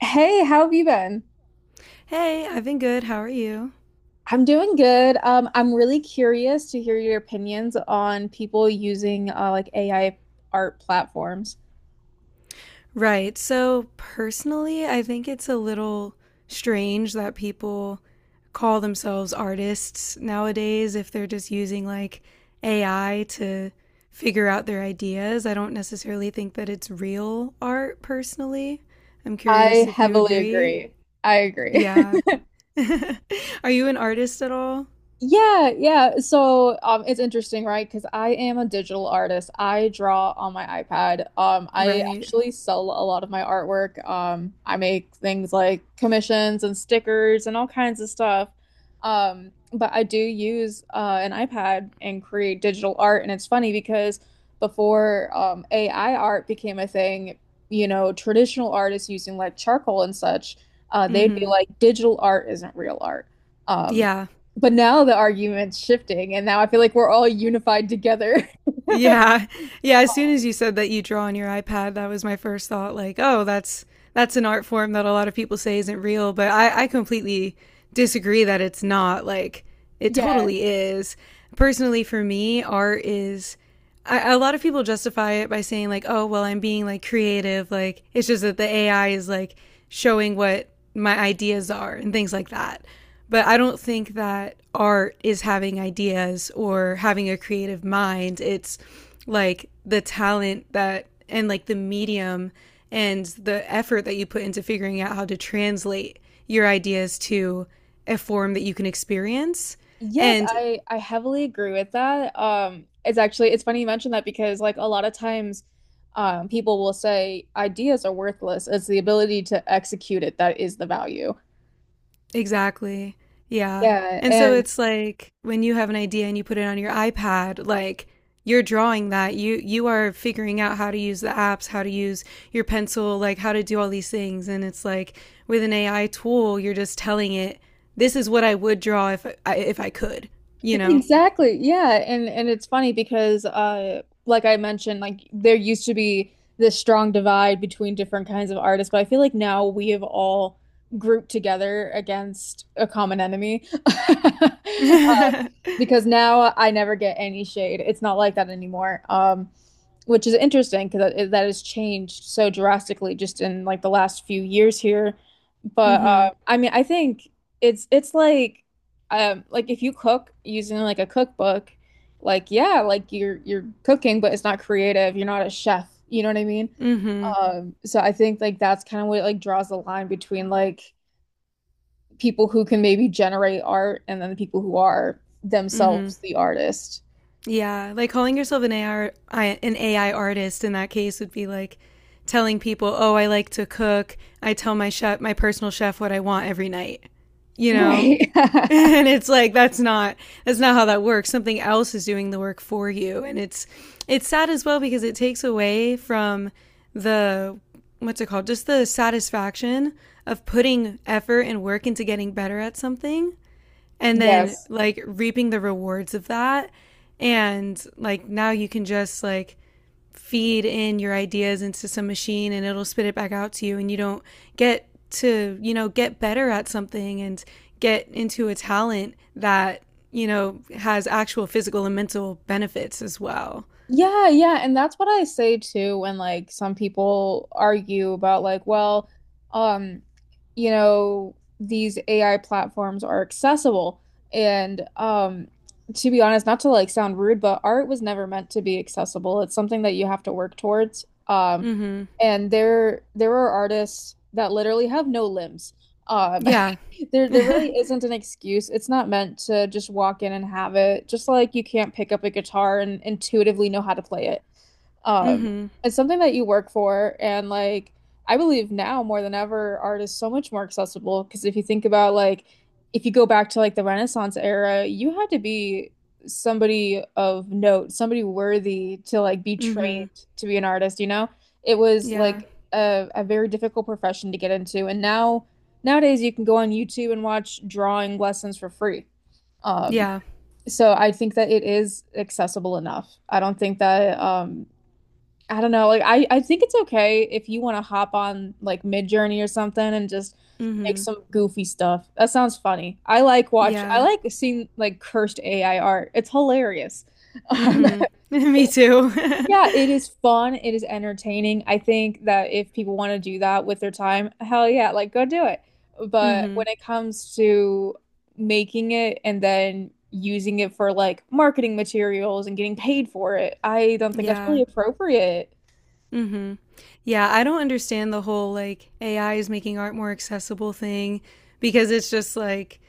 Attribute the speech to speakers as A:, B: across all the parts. A: Hey, how have you been?
B: Hey, I've been good. How are you?
A: I'm doing good. I'm really curious to hear your opinions on people using like AI art platforms.
B: Right. So, personally, I think it's a little strange that people call themselves artists nowadays if they're just using like AI to figure out their ideas. I don't necessarily think that it's real art, personally. I'm curious
A: I
B: if you
A: heavily
B: agree.
A: agree. I agree.
B: Yeah. Are you an artist at all?
A: Yeah. So, it's interesting, right? Because I am a digital artist. I draw on my iPad. I
B: Right.
A: actually sell a lot of my artwork. I make things like commissions and stickers and all kinds of stuff. But I do use an iPad and create digital art, and it's funny because before AI art became a thing, you know, traditional artists using like charcoal and such,
B: Mm
A: they'd be
B: hmm.
A: like, digital art isn't real art. Um,
B: Yeah.
A: but now the argument's shifting, and now I feel like we're all unified together.
B: Yeah. Yeah, as soon as you said that you draw on your iPad, that was my first thought like, oh, that's an art form that a lot of people say isn't real, but I completely disagree that it's not. Like, it
A: Yeah.
B: totally is. Personally, for me, art is. A lot of people justify it by saying, like, oh, well, I'm being like creative. Like, it's just that the AI is like showing what my ideas are and things like that. But I don't think that art is having ideas or having a creative mind. It's like the talent that and like the medium and the effort that you put into figuring out how to translate your ideas to a form that you can experience.
A: Yes,
B: And
A: I heavily agree with that. It's actually it's funny you mentioned that because like a lot of times, people will say ideas are worthless. It's the ability to execute it that is the value.
B: exactly. Yeah.
A: Yeah,
B: And so
A: and
B: it's like when you have an idea and you put it on your iPad, like you're drawing that. You are figuring out how to use the apps, how to use your pencil, like how to do all these things. And it's like with an AI tool, you're just telling it, this is what I would draw if I could, you know.
A: Exactly. Yeah. And it's funny because like I mentioned, like there used to be this strong divide between different kinds of artists, but I feel like now we have all grouped together against a common enemy.
B: Mhm.
A: Because now I never get any shade. It's not like that anymore. Which is interesting because that has changed so drastically just in like the last few years here. But I mean, I think it's like if you cook using like a cookbook, like yeah, like you're cooking, but it's not creative. You're not a chef. You know what I mean?
B: Mhm.
A: So I think like that's kind of what like draws the line between like people who can maybe generate art and then the people who are
B: Hmm.
A: themselves the artist.
B: Yeah, like calling yourself an AI artist in that case would be like telling people, "Oh, I like to cook. I tell my chef, my personal chef, what I want every night." You know,
A: Right.
B: and it's like that's not how that works. Something else is doing the work for you, and it's sad as well because it takes away from the what's it called, just the satisfaction of putting effort and work into getting better at something and then
A: Yes.
B: like reaping the rewards of that and like now you can just like feed in your ideas into some machine and it'll spit it back out to you and you don't get to get better at something and get into a talent that has actual physical and mental benefits as well.
A: Yeah, yeah, and that's what I say too when like some people argue about like, well, um, you know, these AI platforms are accessible. And to be honest, not to like sound rude, but art was never meant to be accessible. It's something that you have to work towards.
B: Mm-hmm.
A: And there are artists that literally have no limbs. Um
B: Yeah.
A: there really isn't an excuse. It's not meant to just walk in and have it. Just like you can't pick up a guitar and intuitively know how to play it. Um,
B: Mm-hmm.
A: it's something that you work for, and like I believe now more than ever, art is so much more accessible. Because if you think about like if you go back to like the Renaissance era, you had to be somebody of note, somebody worthy to like be trained
B: Mm-hmm.
A: to be an artist, you know? It was
B: Yeah.
A: like a very difficult profession to get into, and now nowadays you can go on YouTube and watch drawing lessons for free. Um,
B: Yeah.
A: so I think that it is accessible enough. I don't think that I don't know. Like I think it's okay if you want to hop on like Midjourney or something and just make
B: Mm-hmm.
A: some goofy stuff. That sounds funny. I
B: Yeah.
A: like seeing like cursed AI art. It's hilarious. Um,
B: Mm-hmm. Me too.
A: yeah, it is fun. It is entertaining. I think that if people want to do that with their time, hell yeah, like go do it. But
B: Mm-hmm.
A: when it comes to making it and then using it for like marketing materials and getting paid for it, I don't think that's
B: Yeah.
A: really appropriate.
B: Mm-hmm. Yeah, I don't understand the whole like AI is making art more accessible thing because it's just like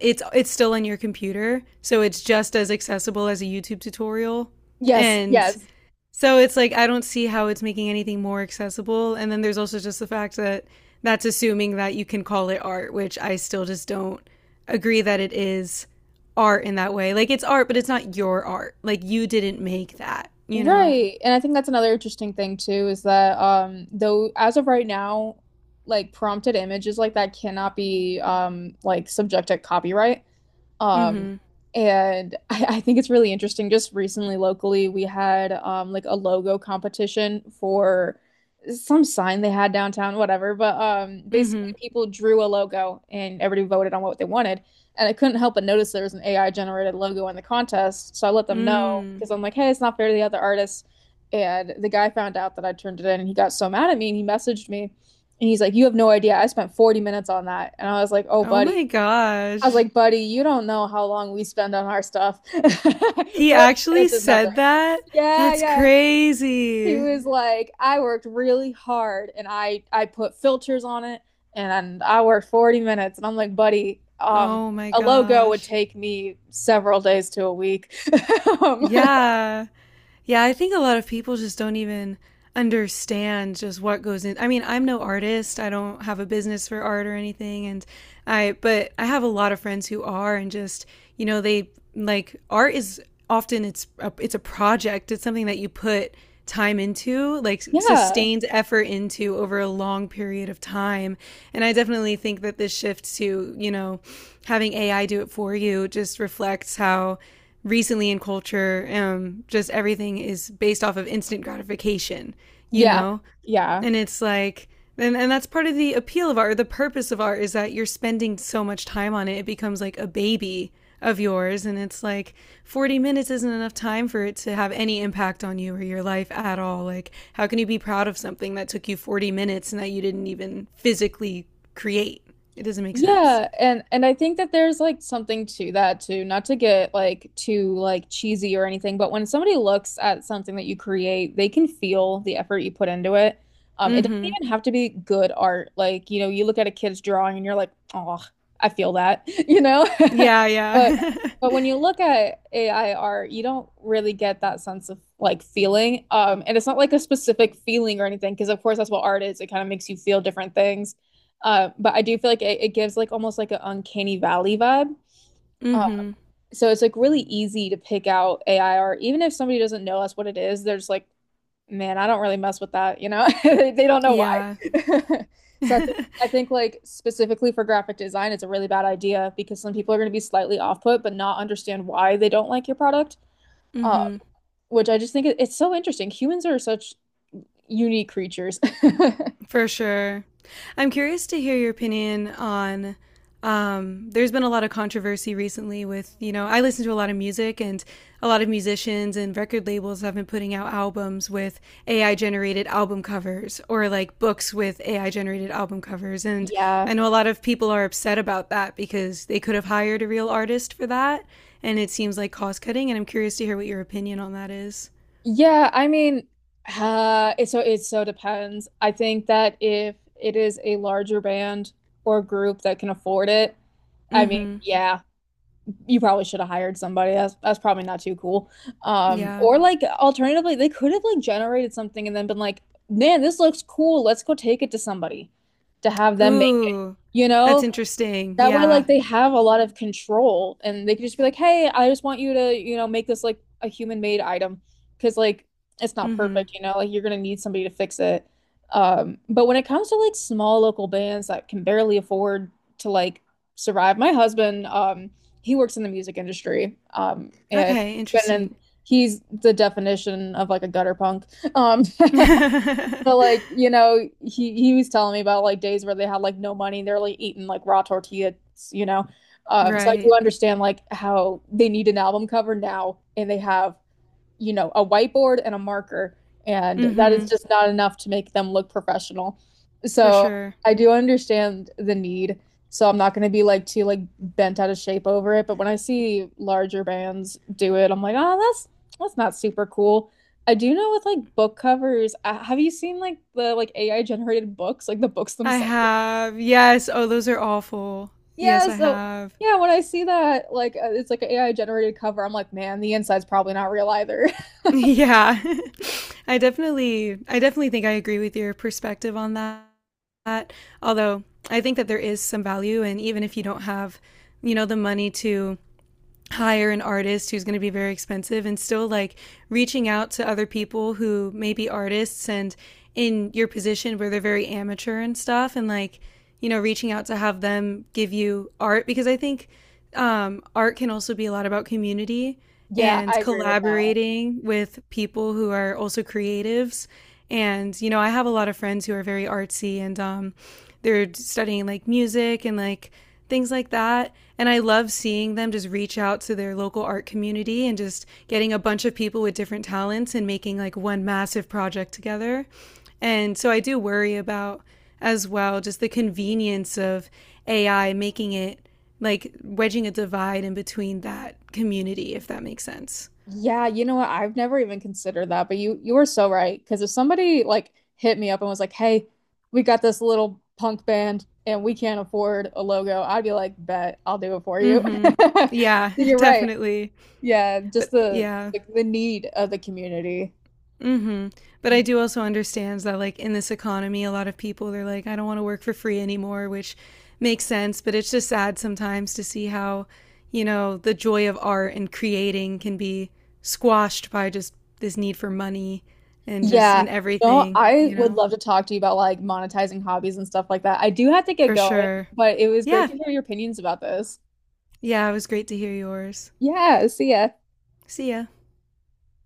B: it's still on your computer, so it's just as accessible as a YouTube tutorial.
A: Yes,
B: And
A: yes.
B: so it's like I don't see how it's making anything more accessible. And then there's also just the fact that that's assuming that you can call it art, which I still just don't agree that it is art in that way. Like it's art, but it's not your art. Like you didn't make that, you know?
A: Right. And I think that's another interesting thing too is that though as of right now, like prompted images like that cannot be like subject to copyright. Um,
B: Mm-hmm.
A: and I think it's really interesting. Just recently, locally, we had like a logo competition for some sign they had downtown, whatever. But basically
B: Mm-hmm.
A: people drew a logo and everybody voted on what they wanted. And I couldn't help but notice there was an AI generated logo in the contest. So I let them know
B: Mm.
A: because I'm like, hey, it's not fair to the other artists. And the guy found out that I turned it in and he got so mad at me and he messaged me and he's like, you have no idea. I spent 40 minutes on that. And I was like, oh,
B: Oh my
A: buddy, I was
B: gosh.
A: like, buddy, you don't know how long we spend on our stuff. 40
B: He actually
A: minutes is nothing.
B: said that?
A: Yeah,
B: That's
A: yeah. He
B: crazy.
A: was like, I worked really hard and I put filters on it and I worked 40 minutes. And I'm like, buddy,
B: Oh my
A: a logo would
B: gosh.
A: take me several days to a week. Um,
B: Yeah. Yeah, I think a lot of people just don't even understand just what goes in. I mean, I'm no artist. I don't have a business for art or anything and I but I have a lot of friends who are and just, they like art is often it's a project. It's something that you put time into, like
A: yeah.
B: sustained effort into over a long period of time. And I definitely think that this shift to, having AI do it for you just reflects how recently in culture, just everything is based off of instant gratification, you
A: Yeah.
B: know?
A: Yeah.
B: And it's like, and that's part of the appeal of art, or the purpose of art is that you're spending so much time on it, it becomes like a baby of yours. And it's like 40 minutes isn't enough time for it to have any impact on you or your life at all. Like, how can you be proud of something that took you 40 minutes and that you didn't even physically create? It doesn't make sense.
A: Yeah, and I think that there's like something to that too, not to get like too like cheesy or anything, but when somebody looks at something that you create, they can feel the effort you put into it. It
B: Mm
A: doesn't
B: hmm.
A: even have to be good art. Like, you know, you look at a kid's drawing and you're like, "Oh, I feel that," you know?
B: Yeah,
A: But
B: yeah.
A: but when you look at AI art, you don't really get that sense of like feeling. And it's not like a specific feeling or anything, because of course that's what art is. It kind of makes you feel different things. But I do feel like it gives like almost like an uncanny valley vibe.
B: Mm
A: Uh,
B: hmm.
A: so it's like really easy to pick out AI art, even if somebody doesn't know us what it is. There's like man, I don't really mess with that, you know? They don't know why.
B: Yeah.
A: So I think
B: Mm-hmm.
A: I think like specifically for graphic design, it's a really bad idea because some people are going to be slightly off put but not understand why they don't like your product. Uh, which I just think it's so interesting. Humans are such unique creatures.
B: For sure. I'm curious to hear your opinion on. There's been a lot of controversy recently with, I listen to a lot of music and a lot of musicians and record labels have been putting out albums with AI generated album covers or like books with AI generated album covers. And
A: Yeah.
B: I know a lot of people are upset about that because they could have hired a real artist for that. And it seems like cost cutting. And I'm curious to hear what your opinion on that is.
A: Yeah, I mean, it so it depends. I think that if it is a larger band or group that can afford it, I
B: Mm
A: mean,
B: hmm.
A: yeah, you probably should have hired somebody. That's probably not too cool.
B: Yeah.
A: Or like alternatively, they could have like generated something and then been like, man, this looks cool. Let's go take it to somebody to have them make,
B: Ooh,
A: you
B: that's
A: know,
B: interesting.
A: that way, like
B: Yeah.
A: they have a lot of control and they can just be like, hey, I just want you to, you know, make this like a human made item because like it's not
B: Mhm.
A: perfect, you know, like you're gonna need somebody to fix it. But when it comes to like small local bands that can barely afford to like survive, my husband, he works in the music industry. And
B: Okay, interesting.
A: he's the definition of like a gutter punk. Um, So like, you know, he was telling me about like days where they had like no money and they're like eating like raw tortillas, you know. So I do
B: Right.
A: understand like how they need an album cover now and they have you know, a whiteboard and a marker, and that is
B: Mhm.
A: just not enough to make them look professional.
B: For
A: So
B: sure.
A: I do understand the need. So I'm not going to be like too like bent out of shape over it, but when I see larger bands do it, I'm like, "Oh, that's not super cool." I do know with like book covers, have you seen like the like AI generated books, like the books
B: I
A: themselves?
B: have. Yes. Oh, those are awful. Yes,
A: Yeah,
B: I
A: so
B: have.
A: yeah, when I see that like it's like an AI generated cover, I'm like, "Man, the inside's probably not real either."
B: Yeah. I definitely think I agree with your perspective on that. Although I think that there is some value and even if you don't have, the money to hire an artist who's going to be very expensive and still like reaching out to other people who may be artists and in your position where they're very amateur and stuff and like reaching out to have them give you art because I think art can also be a lot about community
A: Yeah,
B: and
A: I agree with that.
B: collaborating with people who are also creatives and, I have a lot of friends who are very artsy and they're studying like music and like things like that. And I love seeing them just reach out to their local art community and just getting a bunch of people with different talents and making like one massive project together. And so I do worry about as well just the convenience of AI making it like wedging a divide in between that community, if that makes sense.
A: Yeah, you know what? I've never even considered that, but you were so right. Because if somebody like hit me up and was like, "Hey, we got this little punk band and we can't afford a logo," I'd be like, "Bet I'll do it for you."
B: Hmm. Yeah,
A: So you're right.
B: definitely.
A: Yeah, just
B: But
A: the
B: yeah.
A: like the need of the community.
B: hmm But I do also understand that, like, in this economy, a lot of people, they're like, I don't want to work for free anymore, which makes sense. But it's just sad sometimes to see how, the joy of art and creating can be squashed by just this need for money and just in
A: Yeah. No,
B: everything,
A: I
B: you
A: would
B: know,
A: love to talk to you about like monetizing hobbies and stuff like that. I do have to get
B: For
A: going,
B: sure.
A: but it was great
B: Yeah.
A: to hear your opinions about this.
B: Yeah. It was great to hear yours.
A: Yeah, see ya.
B: See ya.